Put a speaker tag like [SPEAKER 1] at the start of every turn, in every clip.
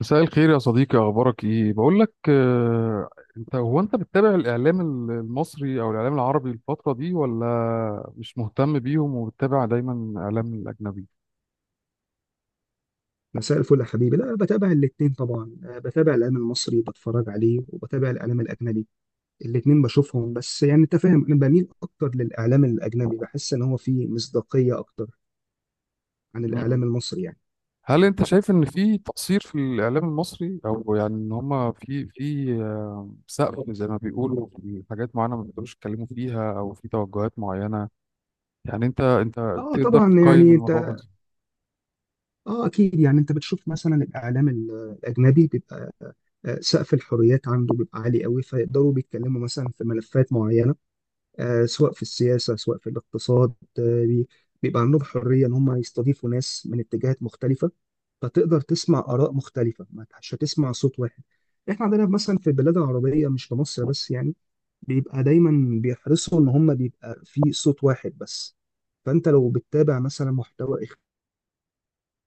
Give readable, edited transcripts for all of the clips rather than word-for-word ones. [SPEAKER 1] مساء الخير يا صديقي، اخبارك ايه؟ بقول لك، انت هو انت بتتابع الاعلام المصري او الاعلام العربي الفتره دي، ولا مش مهتم بيهم وبتتابع دايما الاعلام الاجنبي؟
[SPEAKER 2] مساء الفل يا حبيبي، لا، بتابع الاتنين طبعا، بتابع الاعلام المصري، بتفرج عليه وبتابع الاعلام الاجنبي الاتنين بشوفهم. بس يعني انت فاهم، انا بميل اكتر للاعلام الاجنبي، بحس ان هو فيه مصداقية اكتر عن
[SPEAKER 1] مم.
[SPEAKER 2] الاعلام المصري يعني.
[SPEAKER 1] هل انت شايف ان في تقصير في الاعلام المصري، او يعني ان هما في في آه، سقف زي ما بيقولوا، في حاجات معينه ما بيقدروش يتكلموا فيها، او في توجهات معينه يعني؟ انت
[SPEAKER 2] اه
[SPEAKER 1] تقدر
[SPEAKER 2] طبعا،
[SPEAKER 1] تقيم
[SPEAKER 2] يعني
[SPEAKER 1] الموضوع
[SPEAKER 2] انت،
[SPEAKER 1] ده؟
[SPEAKER 2] اه اكيد، يعني انت بتشوف مثلا الاعلام الاجنبي بيبقى، سقف الحريات عنده بيبقى عالي قوي، فيقدروا بيتكلموا مثلا في ملفات معينة، سواء في السياسة سواء في الاقتصاد. آه، بي- بيبقى عندهم حرية إن هم يستضيفوا ناس من اتجاهات مختلفة، فتقدر تسمع آراء مختلفة، ما مش هتسمع صوت واحد. إحنا عندنا مثلا في البلاد العربية، مش في مصر بس، يعني بيبقى دايما بيحرصوا إن هم بيبقى في صوت واحد بس. فأنت لو بتتابع مثلا محتوى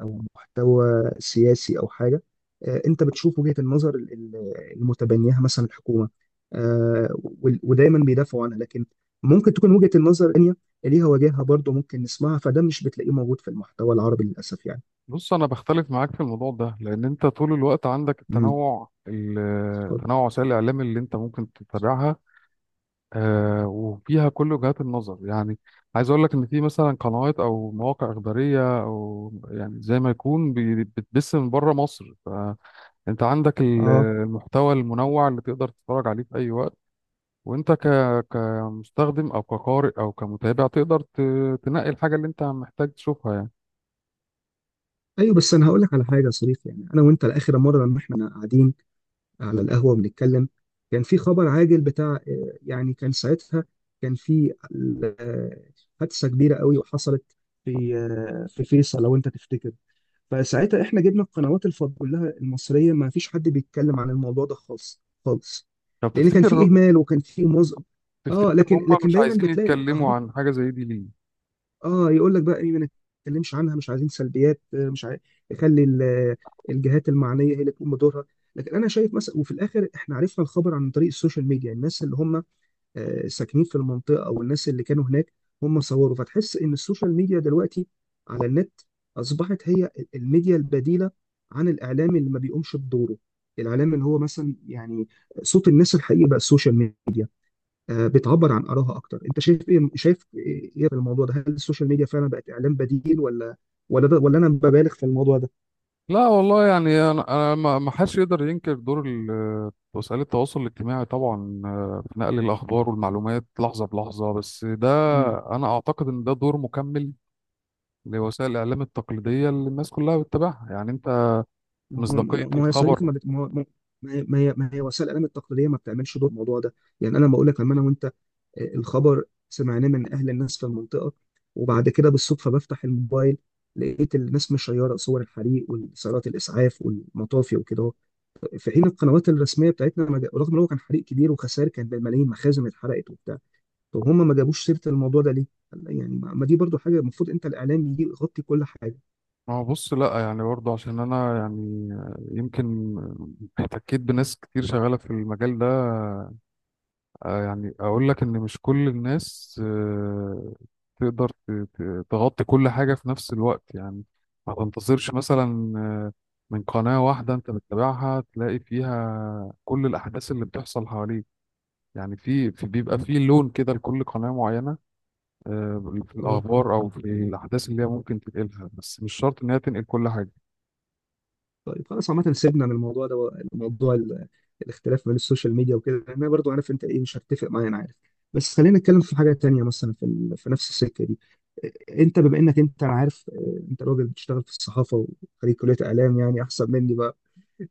[SPEAKER 2] او محتوى سياسي او حاجه، انت بتشوف وجهه النظر المتبنيها مثلا الحكومه، ودايما بيدافعوا عنها. لكن ممكن تكون وجهه النظر الثانيه ليها وجهها برضه، ممكن نسمعها، فده مش بتلاقيه موجود في المحتوى العربي للاسف يعني.
[SPEAKER 1] بص، انا بختلف معاك في الموضوع ده، لان انت طول الوقت عندك
[SPEAKER 2] امم. اتفضل.
[SPEAKER 1] تنوع وسائل الاعلام اللي انت ممكن تتابعها، وفيها كل وجهات النظر يعني. عايز اقول لك ان في مثلا قنوات او مواقع اخباريه، او يعني زي ما يكون بتبث من بره مصر. فانت عندك
[SPEAKER 2] اه،
[SPEAKER 1] المحتوى المنوع اللي تقدر تتفرج عليه في اي وقت، وانت كمستخدم او كقارئ او كمتابع تقدر تنقي الحاجه اللي انت محتاج تشوفها يعني.
[SPEAKER 2] ايوه، بس انا هقول لك على حاجه يا صديقي. يعني انا وانت، لاخر مره لما احنا قاعدين على القهوة بنتكلم، كان في خبر عاجل بتاع، يعني كان ساعتها، كان في، آه، حادثة كبيرة قوي وحصلت في، في فيصل لو انت تفتكر. فساعتها احنا جبنا القنوات الفض كلها المصرية، ما فيش حد بيتكلم عن الموضوع ده خالص خالص،
[SPEAKER 1] طب،
[SPEAKER 2] لأن كان في
[SPEAKER 1] تفتكر
[SPEAKER 2] إهمال وكان في اه،
[SPEAKER 1] تفتكر
[SPEAKER 2] لكن
[SPEAKER 1] هم
[SPEAKER 2] لكن
[SPEAKER 1] مش
[SPEAKER 2] دايما
[SPEAKER 1] عايزين
[SPEAKER 2] بتلاقي
[SPEAKER 1] يتكلموا
[SPEAKER 2] الاخبار.
[SPEAKER 1] عن حاجة زي دي ليه؟
[SPEAKER 2] اه، يقول لك بقى ايه؟ ما نتكلمش عنها، مش عايزين سلبيات، مش عايز يخلي الجهات المعنيه هي اللي تقوم بدورها. لكن انا شايف مثلا، وفي الاخر احنا عرفنا الخبر عن طريق السوشيال ميديا، الناس اللي هم ساكنين في المنطقه او الناس اللي كانوا هناك هم صوروا. فتحس ان السوشيال ميديا دلوقتي على النت اصبحت هي الميديا البديله عن الاعلام اللي ما بيقومش بدوره، الاعلام اللي هو مثلا يعني صوت الناس الحقيقي بقى السوشيال ميديا، بتعبر عن آرائها أكتر. أنت شايف إيه إيه في الموضوع ده؟ هل السوشيال ميديا فعلا بقت إعلام بديل، ولا ده، ولا أنا ببالغ في الموضوع ده؟
[SPEAKER 1] لا والله، يعني انا ما حدش يقدر ينكر دور وسائل التواصل الاجتماعي طبعا، في نقل الاخبار والمعلومات لحظة بلحظة. بس ده
[SPEAKER 2] مم.
[SPEAKER 1] انا اعتقد ان ده دور مكمل لوسائل الاعلام التقليدية اللي الناس كلها بتتابعها. يعني انت،
[SPEAKER 2] ما
[SPEAKER 1] مصداقية
[SPEAKER 2] هو ما هو يا صديقي،
[SPEAKER 1] الخبر.
[SPEAKER 2] ما بت- ما هو- ما هي ما هي ما هي وسائل الإعلام التقليدية ما بتعملش دور في الموضوع ده. يعني أنا لما أقول لك، لما أنا وأنت، الخبر سمعناه من أهل الناس في المنطقة. وبعد كده بالصدفة بفتح الموبايل، لقيت الناس مشيرة صور الحريق وسيارات الإسعاف والمطافي وكده، في حين القنوات الرسميه بتاعتنا ما جا- رغم ان هو كان حريق كبير وخسائر كانت بالملايين، مخازن اتحرقت وبتاع. طب هم ما جابوش سيره الموضوع ده ليه؟ يعني ما دي برضو حاجه، المفروض انت الاعلام يجي يغطي كل حاجه.
[SPEAKER 1] ما هو بص، لا يعني برضه عشان انا يعني، يمكن احتكيت بناس كتير شغالة في المجال ده. يعني اقول لك ان مش كل الناس تقدر تغطي كل حاجة في نفس الوقت يعني. ما تنتظرش مثلا من قناة واحدة انت بتتابعها تلاقي فيها كل الاحداث اللي بتحصل حواليك. يعني بيبقى
[SPEAKER 2] مم.
[SPEAKER 1] في لون كده لكل قناة معينة، في
[SPEAKER 2] اه.
[SPEAKER 1] الاخبار او في الاحداث اللي هي ممكن تنقلها، بس مش شرط ان هي تنقل كل حاجة.
[SPEAKER 2] طيب، خلاص عامه سيبنا من الموضوع ده، موضوع الاختلاف بين السوشيال ميديا وكده. انا برضو عارف انت ايه، مش هتفق معايا، انا عارف. بس خلينا نتكلم في حاجه تانية، مثلا في نفس السكه دي. انت بما انك انت، انا عارف، انت راجل بتشتغل في الصحافه وخريج كليه اعلام، يعني احسن مني.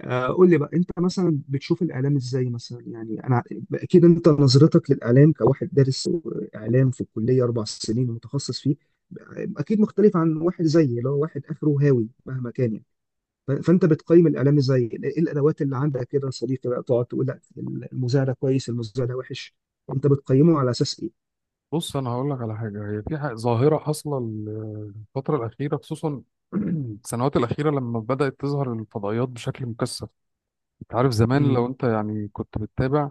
[SPEAKER 2] قول لي بقى، انت مثلا بتشوف الاعلام ازاي؟ مثلا يعني انا اكيد انت نظرتك للاعلام كواحد دارس اعلام في الكليه 4 سنين ومتخصص فيه، اكيد مختلف عن واحد زيي اللي هو واحد اخره هاوي مهما كان يعني. فانت بتقيم الاعلام ازاي؟ ايه الادوات اللي عندك كده يا صديقي بقى تقعد تقول: لا، المذيع ده كويس، المذيع ده وحش؟ انت بتقيمه على اساس ايه؟
[SPEAKER 1] بص، انا هقول لك على حاجه، هي في ظاهره حاصله الفتره الاخيره، خصوصا السنوات الاخيره، لما بدات تظهر الفضائيات بشكل مكثف. انت عارف زمان،
[SPEAKER 2] امم.
[SPEAKER 1] لو انت يعني كنت بتتابع،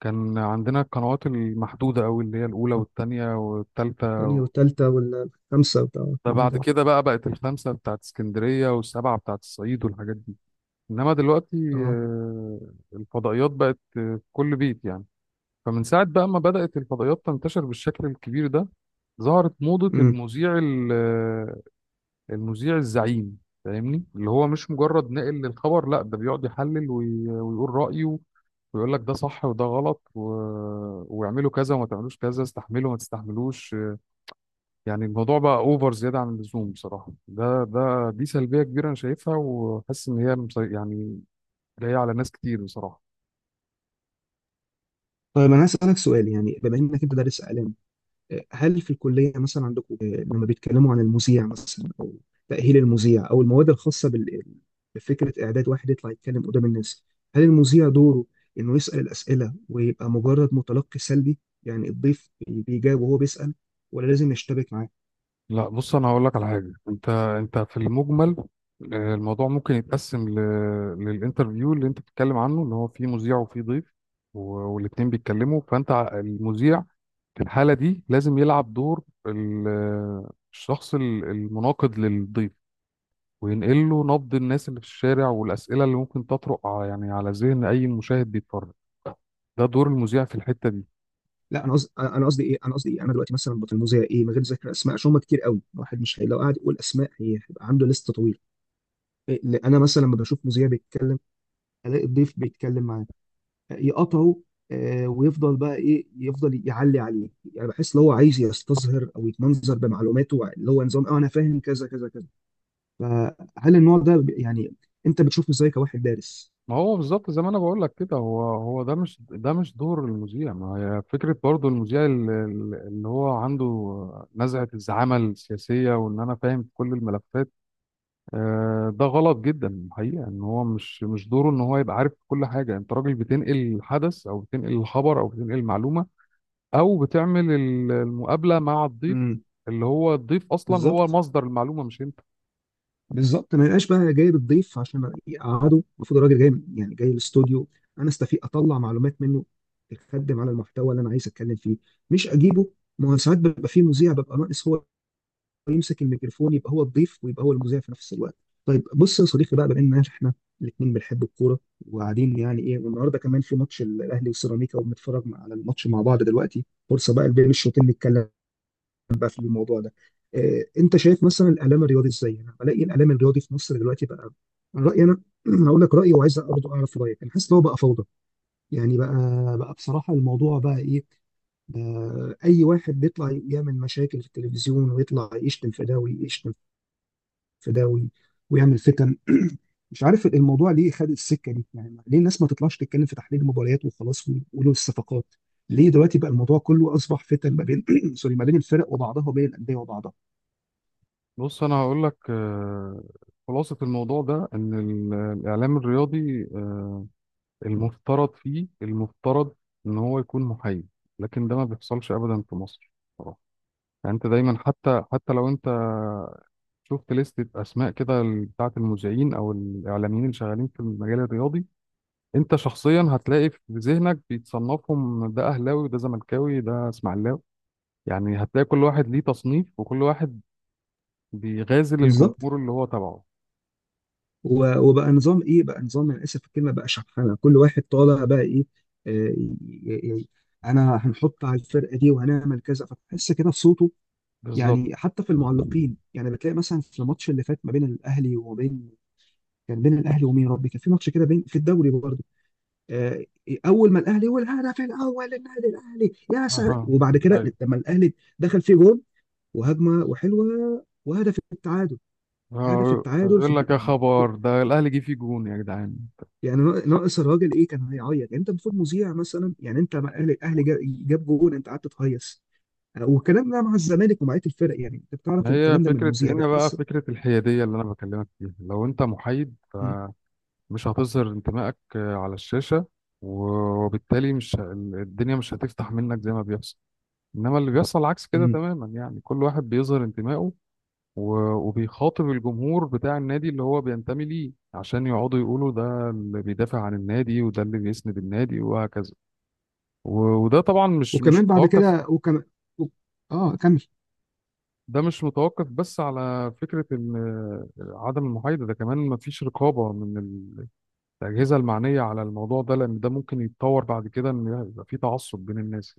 [SPEAKER 1] كان عندنا القنوات المحدوده قوي اللي هي الاولى والثانيه والثالثه،
[SPEAKER 2] تاني والتالتة والخامسة بتاع
[SPEAKER 1] ده
[SPEAKER 2] الكلام
[SPEAKER 1] بعد
[SPEAKER 2] ده.
[SPEAKER 1] كده بقى بقت الخمسه بتاعت اسكندريه والسبعه بتاعت الصعيد والحاجات دي. انما دلوقتي،
[SPEAKER 2] اه.
[SPEAKER 1] آه، الفضائيات بقت في كل بيت يعني. فمن ساعة بقى ما بدأت الفضائيات تنتشر بالشكل الكبير ده، ظهرت موضة
[SPEAKER 2] امم.
[SPEAKER 1] المذيع المذيع الزعيم. فاهمني، اللي هو مش مجرد ناقل للخبر، لا ده بيقعد يحلل ويقول رأيه، ويقول لك ده صح وده غلط ويعملوا كذا وما تعملوش كذا، استحملوا ما تستحملوش. يعني الموضوع بقى اوفر، زيادة عن اللزوم بصراحة. ده ده دي سلبية كبيرة انا شايفها، وحاسس ان هي يعني جاية على ناس كتير بصراحة.
[SPEAKER 2] طيب، انا هسألك سؤال. يعني بما انك انت دارس اعلام، هل في الكلية مثلا عندكم، لما بيتكلموا عن المذيع مثلا، أو تأهيل المذيع، أو المواد الخاصة بفكرة إعداد واحد يطلع يتكلم قدام الناس، هل المذيع دوره إنه يسأل الأسئلة ويبقى مجرد متلقي سلبي؟ يعني الضيف بيجاوب وهو بيسأل، ولا لازم يشتبك معاه؟
[SPEAKER 1] لا بص، انا هقول لك على حاجه. انت في المجمل، الموضوع ممكن يتقسم للانترفيو اللي انت بتتكلم عنه، اللي هو فيه مذيع وفيه ضيف والاتنين بيتكلموا. فانت المذيع في الحاله دي لازم يلعب دور الشخص المناقض للضيف، وينقل له نبض الناس اللي في الشارع، والاسئله اللي ممكن تطرق يعني على ذهن اي مشاهد بيتفرج. ده دور المذيع في الحته دي.
[SPEAKER 2] لا، أنا قصدي إيه؟ أنا قصدي إيه؟ أنا دلوقتي مثلا بطل المذيع إيه، من غير ذكر أسماء عشان هم كتير قوي، الواحد مش لو قعد يقول أسماء هيبقى عنده لست طويل. إيه، أنا مثلا لما بشوف مذيع بيتكلم، ألاقي الضيف بيتكلم معاه، يقطعه، ويفضل بقى ايه، يفضل يعلي عليه. يعني بحس لو هو عايز يستظهر او يتمنظر بمعلوماته، اللي هو نظام اه انا فاهم كذا كذا كذا. فهل النوع ده يعني انت بتشوفه ازاي كواحد دارس؟
[SPEAKER 1] ما هو بالظبط زي ما انا بقول لك كده. هو ده مش دور المذيع. ما هي فكره برضو المذيع اللي هو عنده نزعه الزعامه السياسيه، وان انا فاهم في كل الملفات. ده غلط جدا. الحقيقه ان هو مش دوره ان هو يبقى عارف كل حاجه. انت راجل بتنقل الحدث او بتنقل الخبر او بتنقل المعلومه، او بتعمل المقابله مع الضيف،
[SPEAKER 2] امم.
[SPEAKER 1] اللي هو الضيف اصلا هو
[SPEAKER 2] بالظبط.
[SPEAKER 1] مصدر المعلومه مش انت.
[SPEAKER 2] بالظبط، ما يبقاش بقى جايب الضيف عشان يقعده. المفروض الراجل جاي يعني جاي الاستوديو، انا استفيق اطلع معلومات منه تخدم على المحتوى اللي انا عايز اتكلم فيه، مش اجيبه. ما هو ساعات بيبقى فيه مذيع، ببقى ناقص هو يمسك الميكروفون، يبقى هو الضيف ويبقى هو المذيع في نفس الوقت. طيب، بص يا صديقي بقى، بما ان احنا الاثنين بنحب الكوره وقاعدين، يعني ايه، والنهارده كمان في ماتش الاهلي وسيراميكا وبنتفرج على الماتش مع بعض، دلوقتي فرصه بقى بين الشوطين نتكلم بقى في الموضوع ده. إيه، انت شايف مثلا الاعلام الرياضي ازاي؟ انا بلاقي الاعلام الرياضي في مصر دلوقتي بقى من رايي انا هقول لك رايي، وعايز برضه اعرف رايك. انا حاسس ان هو بقى فوضى. يعني بقى بصراحه الموضوع بقى ايه؟ اي واحد بيطلع يعمل مشاكل في التلفزيون، ويطلع يشتم في ده ويشتم في ده ويعمل فتن. مش عارف الموضوع ليه خد السكه دي، يعني ليه الناس ما تطلعش تتكلم في تحليل المباريات وخلاص ويقولوا الصفقات؟ ليه دلوقتي بقى الموضوع كله اصبح فتن ما بين سوري، ما بين الفرق وبعضها وبين الانديه وبعضها؟
[SPEAKER 1] بص، انا هقول لك، خلاصة الموضوع ده ان الاعلام الرياضي، المفترض فيه، المفترض ان هو يكون محايد، لكن ده ما بيحصلش ابدا في مصر بصراحة. يعني انت دايما، حتى لو انت شفت لستة اسماء كده، بتاعه المذيعين او الاعلاميين اللي شغالين في المجال الرياضي، انت شخصيا هتلاقي في ذهنك بيتصنفهم، ده اهلاوي وده زملكاوي ده اسماعيلاوي. يعني هتلاقي كل واحد ليه تصنيف، وكل واحد بيغازل
[SPEAKER 2] بالظبط.
[SPEAKER 1] الجمهور اللي هو تبعه.
[SPEAKER 2] و- وبقى نظام ايه، بقى نظام، انا اسف في الكلمه، بقى شحنه. كل واحد طالع بقى ايه، آه، ي- ي- ي- انا هنحط على الفرقه دي وهنعمل كذا، فتحس كده في صوته.
[SPEAKER 1] بالظبط.
[SPEAKER 2] يعني حتى في المعلقين، يعني بتلاقي مثلا في الماتش اللي فات ما بين الاهلي وبين، كان بين الاهلي ومين يا ربي؟ كان في ماتش كده بين، في الدوري برضه، آه، اول ما الاهلي والهدف الاول للنادي الاهلي يا سعد.
[SPEAKER 1] اها.
[SPEAKER 2] وبعد كده
[SPEAKER 1] ايوه.
[SPEAKER 2] لما الاهلي دخل فيه جول وهجمه وحلوه وهدف التعادل، هدف التعادل في
[SPEAKER 1] يقول لك
[SPEAKER 2] الدقيقه
[SPEAKER 1] يا
[SPEAKER 2] يعني،
[SPEAKER 1] خبر، ده الاهلي جه فيه جون يا جدعان.
[SPEAKER 2] ناقص الراجل ايه، كان هيعيط؟ يعني انت المفروض مذيع، مثلا يعني انت مع الاهلي جاب جول، انت قعدت تهيص؟ والكلام ده مع الزمالك ومع بقيه الفرق. يعني انت بتعرف
[SPEAKER 1] ما هي
[SPEAKER 2] الكلام ده من
[SPEAKER 1] فكره
[SPEAKER 2] المذيع،
[SPEAKER 1] هنا بقى،
[SPEAKER 2] بتحس.
[SPEAKER 1] فكره الحياديه اللي انا بكلمك فيها. لو انت محايد
[SPEAKER 2] م-
[SPEAKER 1] مش هتظهر انتمائك على الشاشه، وبالتالي مش الدنيا مش هتفتح منك زي ما بيحصل. انما اللي بيحصل عكس كده
[SPEAKER 2] م.
[SPEAKER 1] تماما، يعني كل واحد بيظهر انتمائه، وبيخاطب الجمهور بتاع النادي اللي هو بينتمي ليه، عشان يقعدوا يقولوا ده اللي بيدافع عن النادي وده اللي بيسند النادي وهكذا. وده طبعا مش
[SPEAKER 2] وكمان بعد
[SPEAKER 1] متوقف.
[SPEAKER 2] كده، وكمان، و- اه، كمل.
[SPEAKER 1] ده مش متوقف بس، على فكرة إن عدم المحايدة ده كمان مفيش رقابة من الأجهزة المعنية على الموضوع ده، لأن ده ممكن يتطور بعد كده إن يبقى في تعصب بين الناس.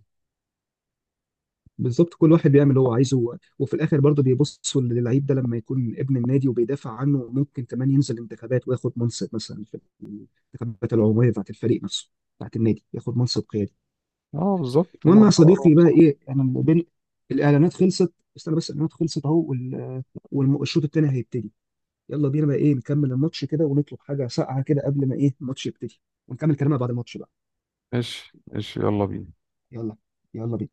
[SPEAKER 2] بالظبط، كل واحد بيعمل اللي هو عايزه. و- وفي الاخر برضه بيبصوا للعيب ده، لما يكون ابن النادي وبيدافع عنه، ممكن كمان ينزل انتخابات وياخد منصب مثلا في الانتخابات العموميه بتاعت الفريق نفسه، بتاعت النادي، ياخد منصب قيادي.
[SPEAKER 1] اه بالظبط، هما
[SPEAKER 2] المهم يا
[SPEAKER 1] بيدوروا على
[SPEAKER 2] صديقي بقى
[SPEAKER 1] مصالح.
[SPEAKER 2] ايه، انا بين الاعلانات، خلصت استنى، بس الاعلانات خلصت اهو، والشوط الثاني هيبتدي. يلا بينا بقى ايه، نكمل الماتش كده ونطلب حاجه ساقعه كده قبل ما ايه الماتش يبتدي، ونكمل كلامنا بعد الماتش بقى.
[SPEAKER 1] ماشي ماشي، يلا بينا.
[SPEAKER 2] يلا. يلا بينا.